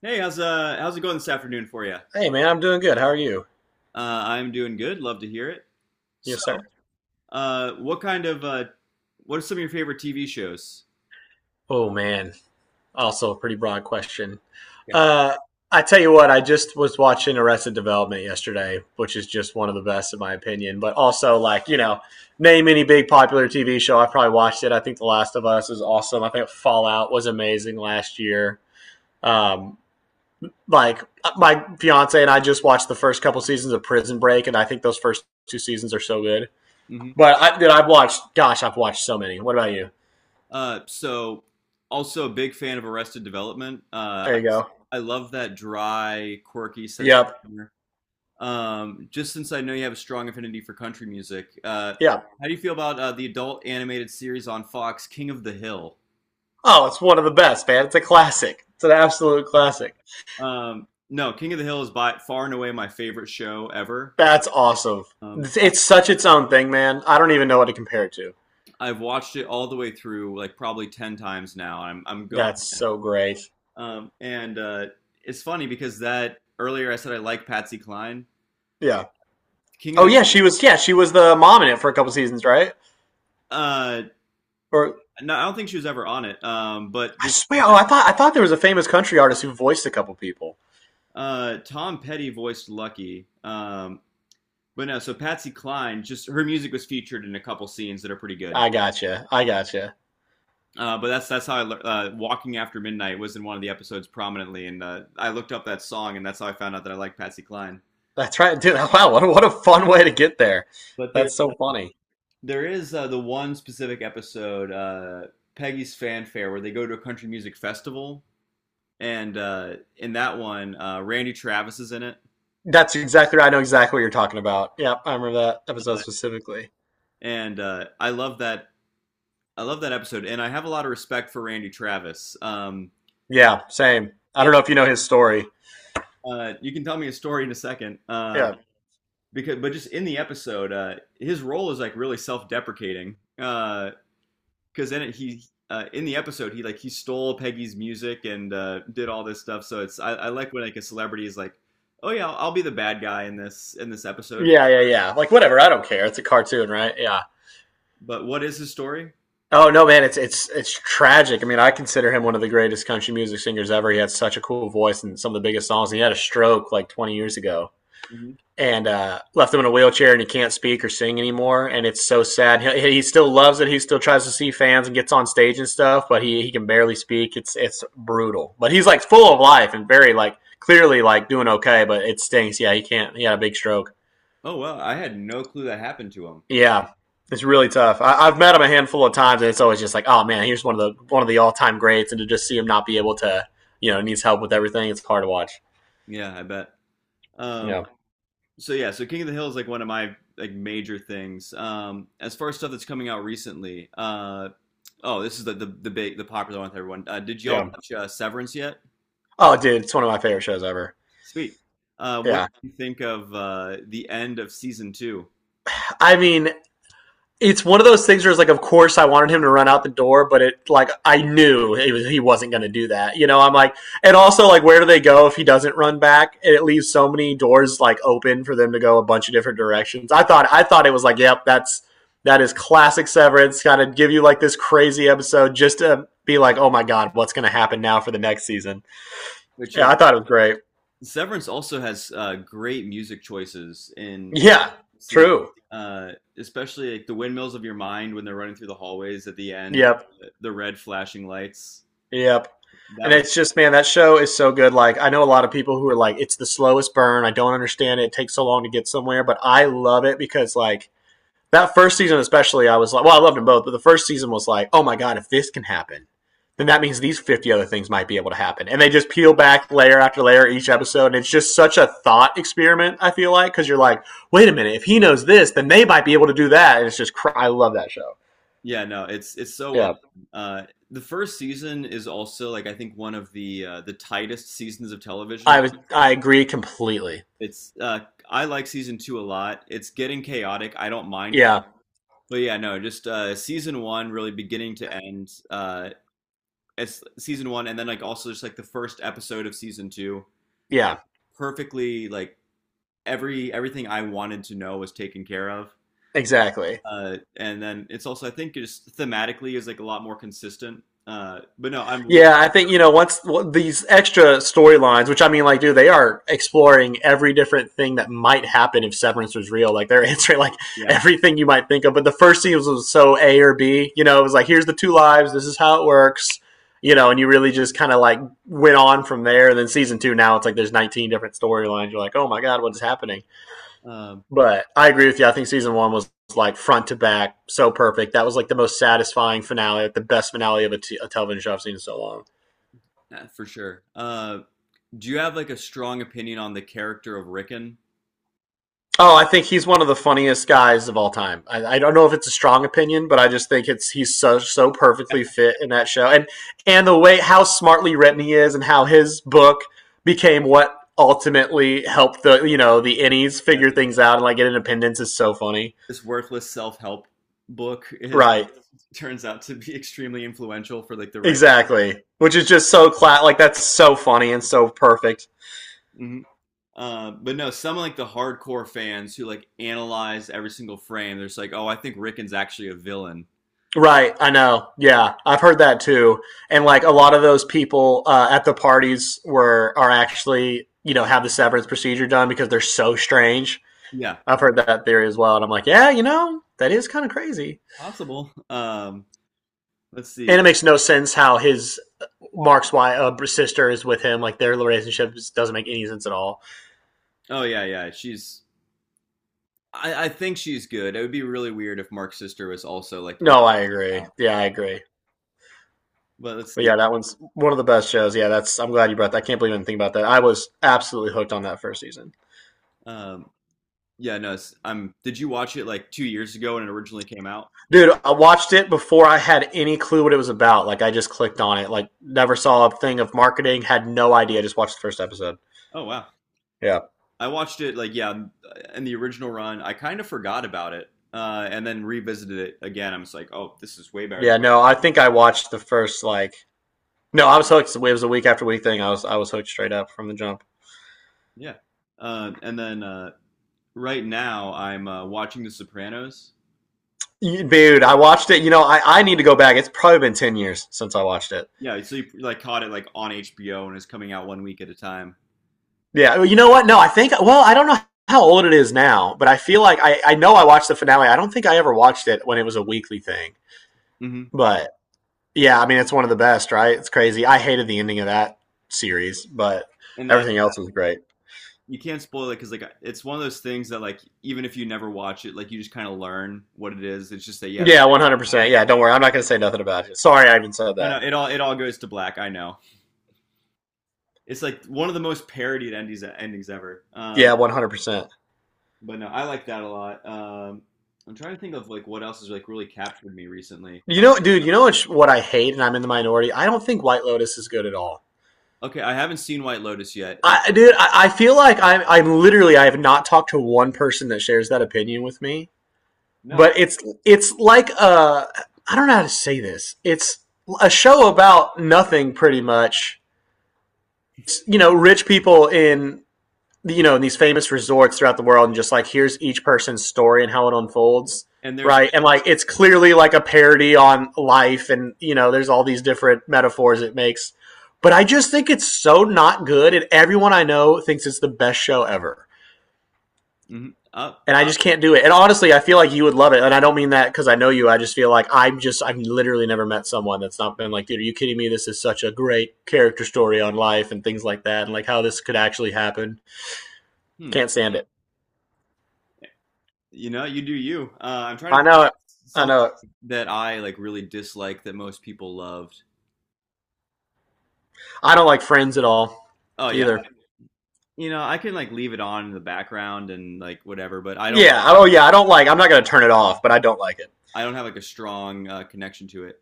Hey, how's how's it going this afternoon for you? Hey man, I'm doing good. How are you? I'm doing good. Love to hear it. So, Yes, sir. What kind of what are some of your favorite TV shows? Oh man, also a pretty broad question. Yeah. Uh, I tell you what, I just was watching Arrested Development yesterday, which is just one of the best in my opinion. But also, name any big popular TV show, I probably watched it. I think The Last of Us is awesome. I think Fallout was amazing last year. Um, my fiance and I just watched the first couple seasons of Prison Break, and I think those first two seasons are so good. hmm But dude, I've watched, gosh, I've watched so many. What about you? Uh, so Also a big fan of Arrested Development. There you go. I love that dry, quirky sense of Yep. humor. Just since I know you have a strong affinity for country music, Yep. how do you feel about the adult animated series on Fox, King of the Hill? Oh, it's one of the best, man. It's a classic. It's an absolute classic. No, King of the Hill is by far and away my favorite show ever. That's awesome. Um, It's such its own thing, man. I don't even know what to compare it to. I've watched it all the way through, like probably ten times now. I'm going, That's so great. And it's funny because that earlier I said I like Patsy Cline, Yeah. King of Oh the. yeah, she was. Yeah, she was the mom in it for a couple seasons, right? Uh, Or no, I don't think she was ever on it. But I just swear. Oh, I thought there was a famous country artist who voiced a couple people. Tom Petty voiced Lucky. But no, so Patsy Cline, just her music was featured in a couple scenes that are pretty good. I gotcha. I gotcha. But that's how I Walking After Midnight was in one of the episodes prominently, and I looked up that song, and that's how I found out that I like Patsy Cline. That's right, dude. Wow, what a fun way to get there. But there's That's so funny. There is the one specific episode, Peggy's Fanfare, where they go to a country music festival, and in that one, Randy Travis is in it, That's exactly right. I know exactly what you're talking about. Yep, I remember that episode specifically. and I love that. I love that episode, and I have a lot of respect for Randy Travis. Yeah, same. I don't it, know if you know his story. You can tell me a story in a second, Yeah. because but just in the episode, his role is like really self-deprecating. Because in it he In the episode he like he stole Peggy's music and did all this stuff. So it's I like when like a celebrity is like, oh yeah, I'll be the bad guy in this episode. Yeah, yeah, yeah. Like whatever, I don't care. It's a cartoon, right? Yeah. But what is his story? Oh no, man, it's tragic. I mean, I consider him one of the greatest country music singers ever. He had such a cool voice and some of the biggest songs. And he had a stroke like 20 years ago, Mhm. and left him in a wheelchair, and he can't speak or sing anymore. And it's so sad. He still loves it. He still tries to see fans and gets on stage and stuff, but he can barely speak. It's brutal. But he's like full of life and very like clearly like doing okay. But it stinks. Yeah, he can't. He had a big stroke. Oh well, I had no clue that happened to him. Yeah, it's really tough. I've met him a handful of times, and it's always just like, oh man, here's one of the all time greats, and to just see him not be able to, you know, needs help with everything. It's hard to watch. Yeah, I bet. Um, Yeah, yeah, so King of the Hill is like one of my like major things. As far as stuff that's coming out recently, oh, this is the big the popular one with everyone. Did y'all yeah. watch Severance yet? Oh, dude, it's one of my favorite shows ever. Sweet. What Yeah, do you think of the end of season two? I mean, it's one of those things where it's like, of course, I wanted him to run out the door, but it like I knew it was, he wasn't going to do that. You know, I'm like, and also like, where do they go if he doesn't run back? And it leaves so many doors like open for them to go a bunch of different directions. I thought it was like, yep, that is classic Severance. Kind of give you like this crazy episode just to be like, oh my god, what's going to happen now for the next season? Which Yeah, I thought it was great. Severance also has great music choices in Yeah, see, true. uh, especially like the windmills of your mind when they're running through the hallways at the end, Yep. with the red flashing lights. Yep. And That was it's just, man, that show is so good. Like, I know a lot of people who are like, it's the slowest burn. I don't understand it. It takes so long to get somewhere. But I love it because, like, that first season, especially, I was like, well, I loved them both. But the first season was like, oh my God, if this can happen, then that means these 50 other things might be able to happen. And they just peel back layer after layer each episode. And it's just such a thought experiment, I feel like, because you're like, wait a minute, if he knows this, then they might be able to do that. And it's just, I love that show. Yeah, no, it's so well. Yeah. Uh, the first season is also like I think one of the tightest seasons of television. I agree completely. It's I like season two a lot. It's getting chaotic. I don't mind Yeah. But yeah, no, just season one really beginning to end. It's season one and then like also just like the first episode of season two. Yeah. Perfectly like everything I wanted to know was taken care of. Exactly. And then it's also I think just thematically is like a lot more consistent. But no, I'm really Yeah, I think you know once well, these extra storylines, which I mean, like, dude, they are exploring every different thing that might happen if Severance was real. Like, they're answering like Yeah. everything you might think of. But the first season was so A or B. You know, it was like, here's the two lives. This is how it works. You know, and you really just kind of like went on from there. And then season two, now it's like there's 19 different storylines. You're like, oh my god, what is happening? Um But I agree with you. I think season one was like front to back, so perfect. That was like the most satisfying finale, like the best finale of a television show I've seen in so long. yeah, for sure. Do you have like a strong opinion on the character of Rickon? Oh, I think he's one of the funniest guys of all time. I don't know if it's a strong opinion, but I just think it's he's so so perfectly fit in that show, and the way how smartly written he is, and how his book became what ultimately helped the you know the innies figure Yeah, things out and like get independence is so funny. this worthless self-help book is Right. turns out to be extremely influential for like the Exactly. Which is just so like that's so funny and so perfect. Mhm. But no, some like the hardcore fans who like analyze every single frame, they're just like, oh, I think Rickon's actually a villain. Right, I know. Yeah, I've heard that too. And like a lot of those people at the parties were are actually, you know, have the severance procedure done because they're so strange. Yeah, I've heard that theory as well and I'm like, yeah, you know, that is kind of crazy. possible. Let's And see. it makes no sense how his Mark's wife, sister is with him. Like their relationship just doesn't make any sense at all. Oh yeah, yeah. She's. I think she's good. It would be really weird if Mark's sister was also like evil. No, I agree. Yeah, I agree. But let's But see. yeah, that one's one of the best shows. Yeah, that's. I'm glad you brought that. I can't believe I think about that. I was absolutely hooked on that first season, Um, yeah, no. It's, am Did you watch it like 2 years ago when it originally came out? dude. I watched it before I had any clue what it was about. Like I just clicked on it. Like never saw a thing of marketing. Had no idea. Just watched the first episode. Oh wow. Yeah, I watched it like yeah in the original run. I kind of forgot about it and then revisited it again. I'm just like, oh, this is way better. yeah. No, I think I watched the first like. No, I was hooked. It was a week after week thing. I was hooked straight up from the jump. Yeah. And then Right now I'm watching The Sopranos. Dude, I watched it. You know, I need to go back. It's probably been 10 years since I watched it. Yeah, so you like caught it like on HBO and it's coming out one week at a time. Yeah, well, you know what? No, I think. Well, I don't know how old it is now, but I feel like I know I watched the finale. I don't think I ever watched it when it was a weekly thing. hmm But yeah, I mean, it's one of the best, right? It's crazy. I hated the ending of that series, but And I everything else was great. You can't spoil it because like it's one of those things that like even if you never watch it, like you just kind of learn what it is. It's just that yeah, the, Yeah, 100%. Yeah, don't worry. I'm not gonna say nothing about it. Sorry, I even said I know that. It all goes to black. I know it's like one of the most parodied endings ever. Yeah, 100%. But no, I like that a lot. I'm trying to think of like what else has like really captured me recently. You know, dude. You know what? What I hate, and I'm in the minority. I don't think White Lotus is good at all. Okay, I haven't seen White Lotus yet. Dude, I feel like I'm literally, I have not talked to one person that shares that opinion with me, No, but it's like a, I don't know how to say this. It's a show about nothing, pretty much. It's, you know, rich people in you know in these famous resorts throughout the world, and just like here's each person's story and how it unfolds, and there's right? And like it's clearly like a parody on life, and you know, there's all these different metaphors it makes. But I just think it's so not good, and everyone I know thinks it's the best show ever. mhm. And I just can't do it. And honestly, I feel like you would love it. And I don't mean that because I know you. I just feel like I'm just I've literally never met someone that's not been like, dude, are you kidding me? This is such a great character story on life and things like that, and like how this could actually happen. hmm. Can't stand it. You know, you do you. I'm trying to I think know it. of I something know it. that I like really dislike that most people loved. I don't like Friends at all Oh yeah, either. you know, I can like leave it on in the background and like whatever, but Yeah. Oh yeah. I don't like. I'm not gonna turn it off, but I don't like it. I don't have like a strong connection to it.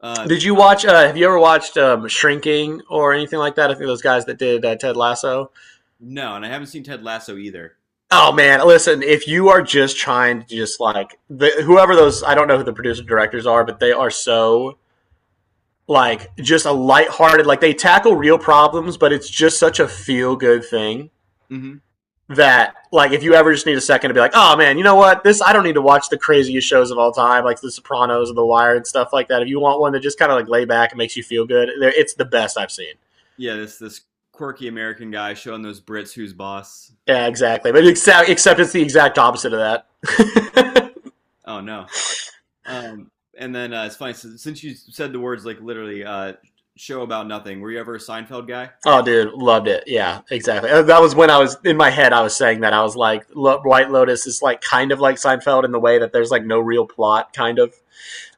Uh, Did you watch? Have you ever watched Shrinking or anything like that? I think those guys that did Ted Lasso. no, and I haven't seen Ted Lasso either. Oh man, listen, if you are just trying to just whoever those, I don't know who the producer directors are, but they are so like just a lighthearted like they tackle real problems, but it's just such a feel good thing hmm that like if you ever just need a second to be like, "Oh man, you know what? This I don't need to watch the craziest shows of all time like The Sopranos and The Wire and stuff like that. If you want one that just kind of like lay back and makes you feel good, it's the best I've seen." Yeah, this quirky American guy showing those Brits who's boss. Yeah, exactly. But except it's the exact opposite of that. Oh no. Um, and then It's funny since you said the words like literally show about nothing. Were you ever a Seinfeld guy? Oh, dude, loved it. Yeah, exactly. That was when I was in my head. I was saying that I was like, White Lotus is like kind of like Seinfeld in the way that there's like no real plot, kind of.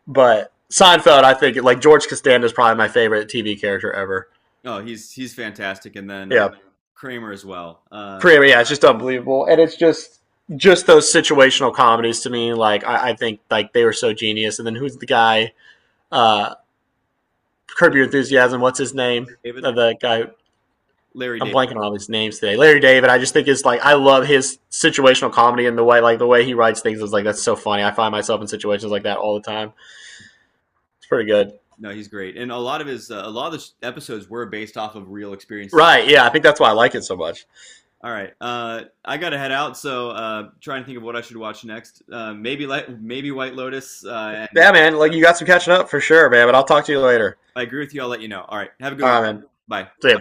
But Seinfeld, I think like George Costanza is probably my favorite TV character ever. Oh, he's fantastic, and then Yeah, Kramer as well. Kramer. Yeah, it's just unbelievable, and it's just those situational comedies to me. Like I think like they were so genius. And then who's the guy? Uh, Curb Your Enthusiasm. What's his name? David, The guy Larry I'm David. blanking on all these names today. Larry David, I just think is like I love his situational comedy and the way he writes things is like that's so funny. I find myself in situations like that all the time. It's pretty good. No, he's great, and a lot of his a lot of the episodes were based off of real experiences. Right, yeah, I think that's why I like it so much. All right, I gotta head out, so trying to think of what I should watch next. Maybe White Lotus, and if Yeah, man, like you got some catching up for sure, man, but I'll talk to you later. I agree with you. I'll let you know. All right, have a good All one. right, man. Bye. See ya.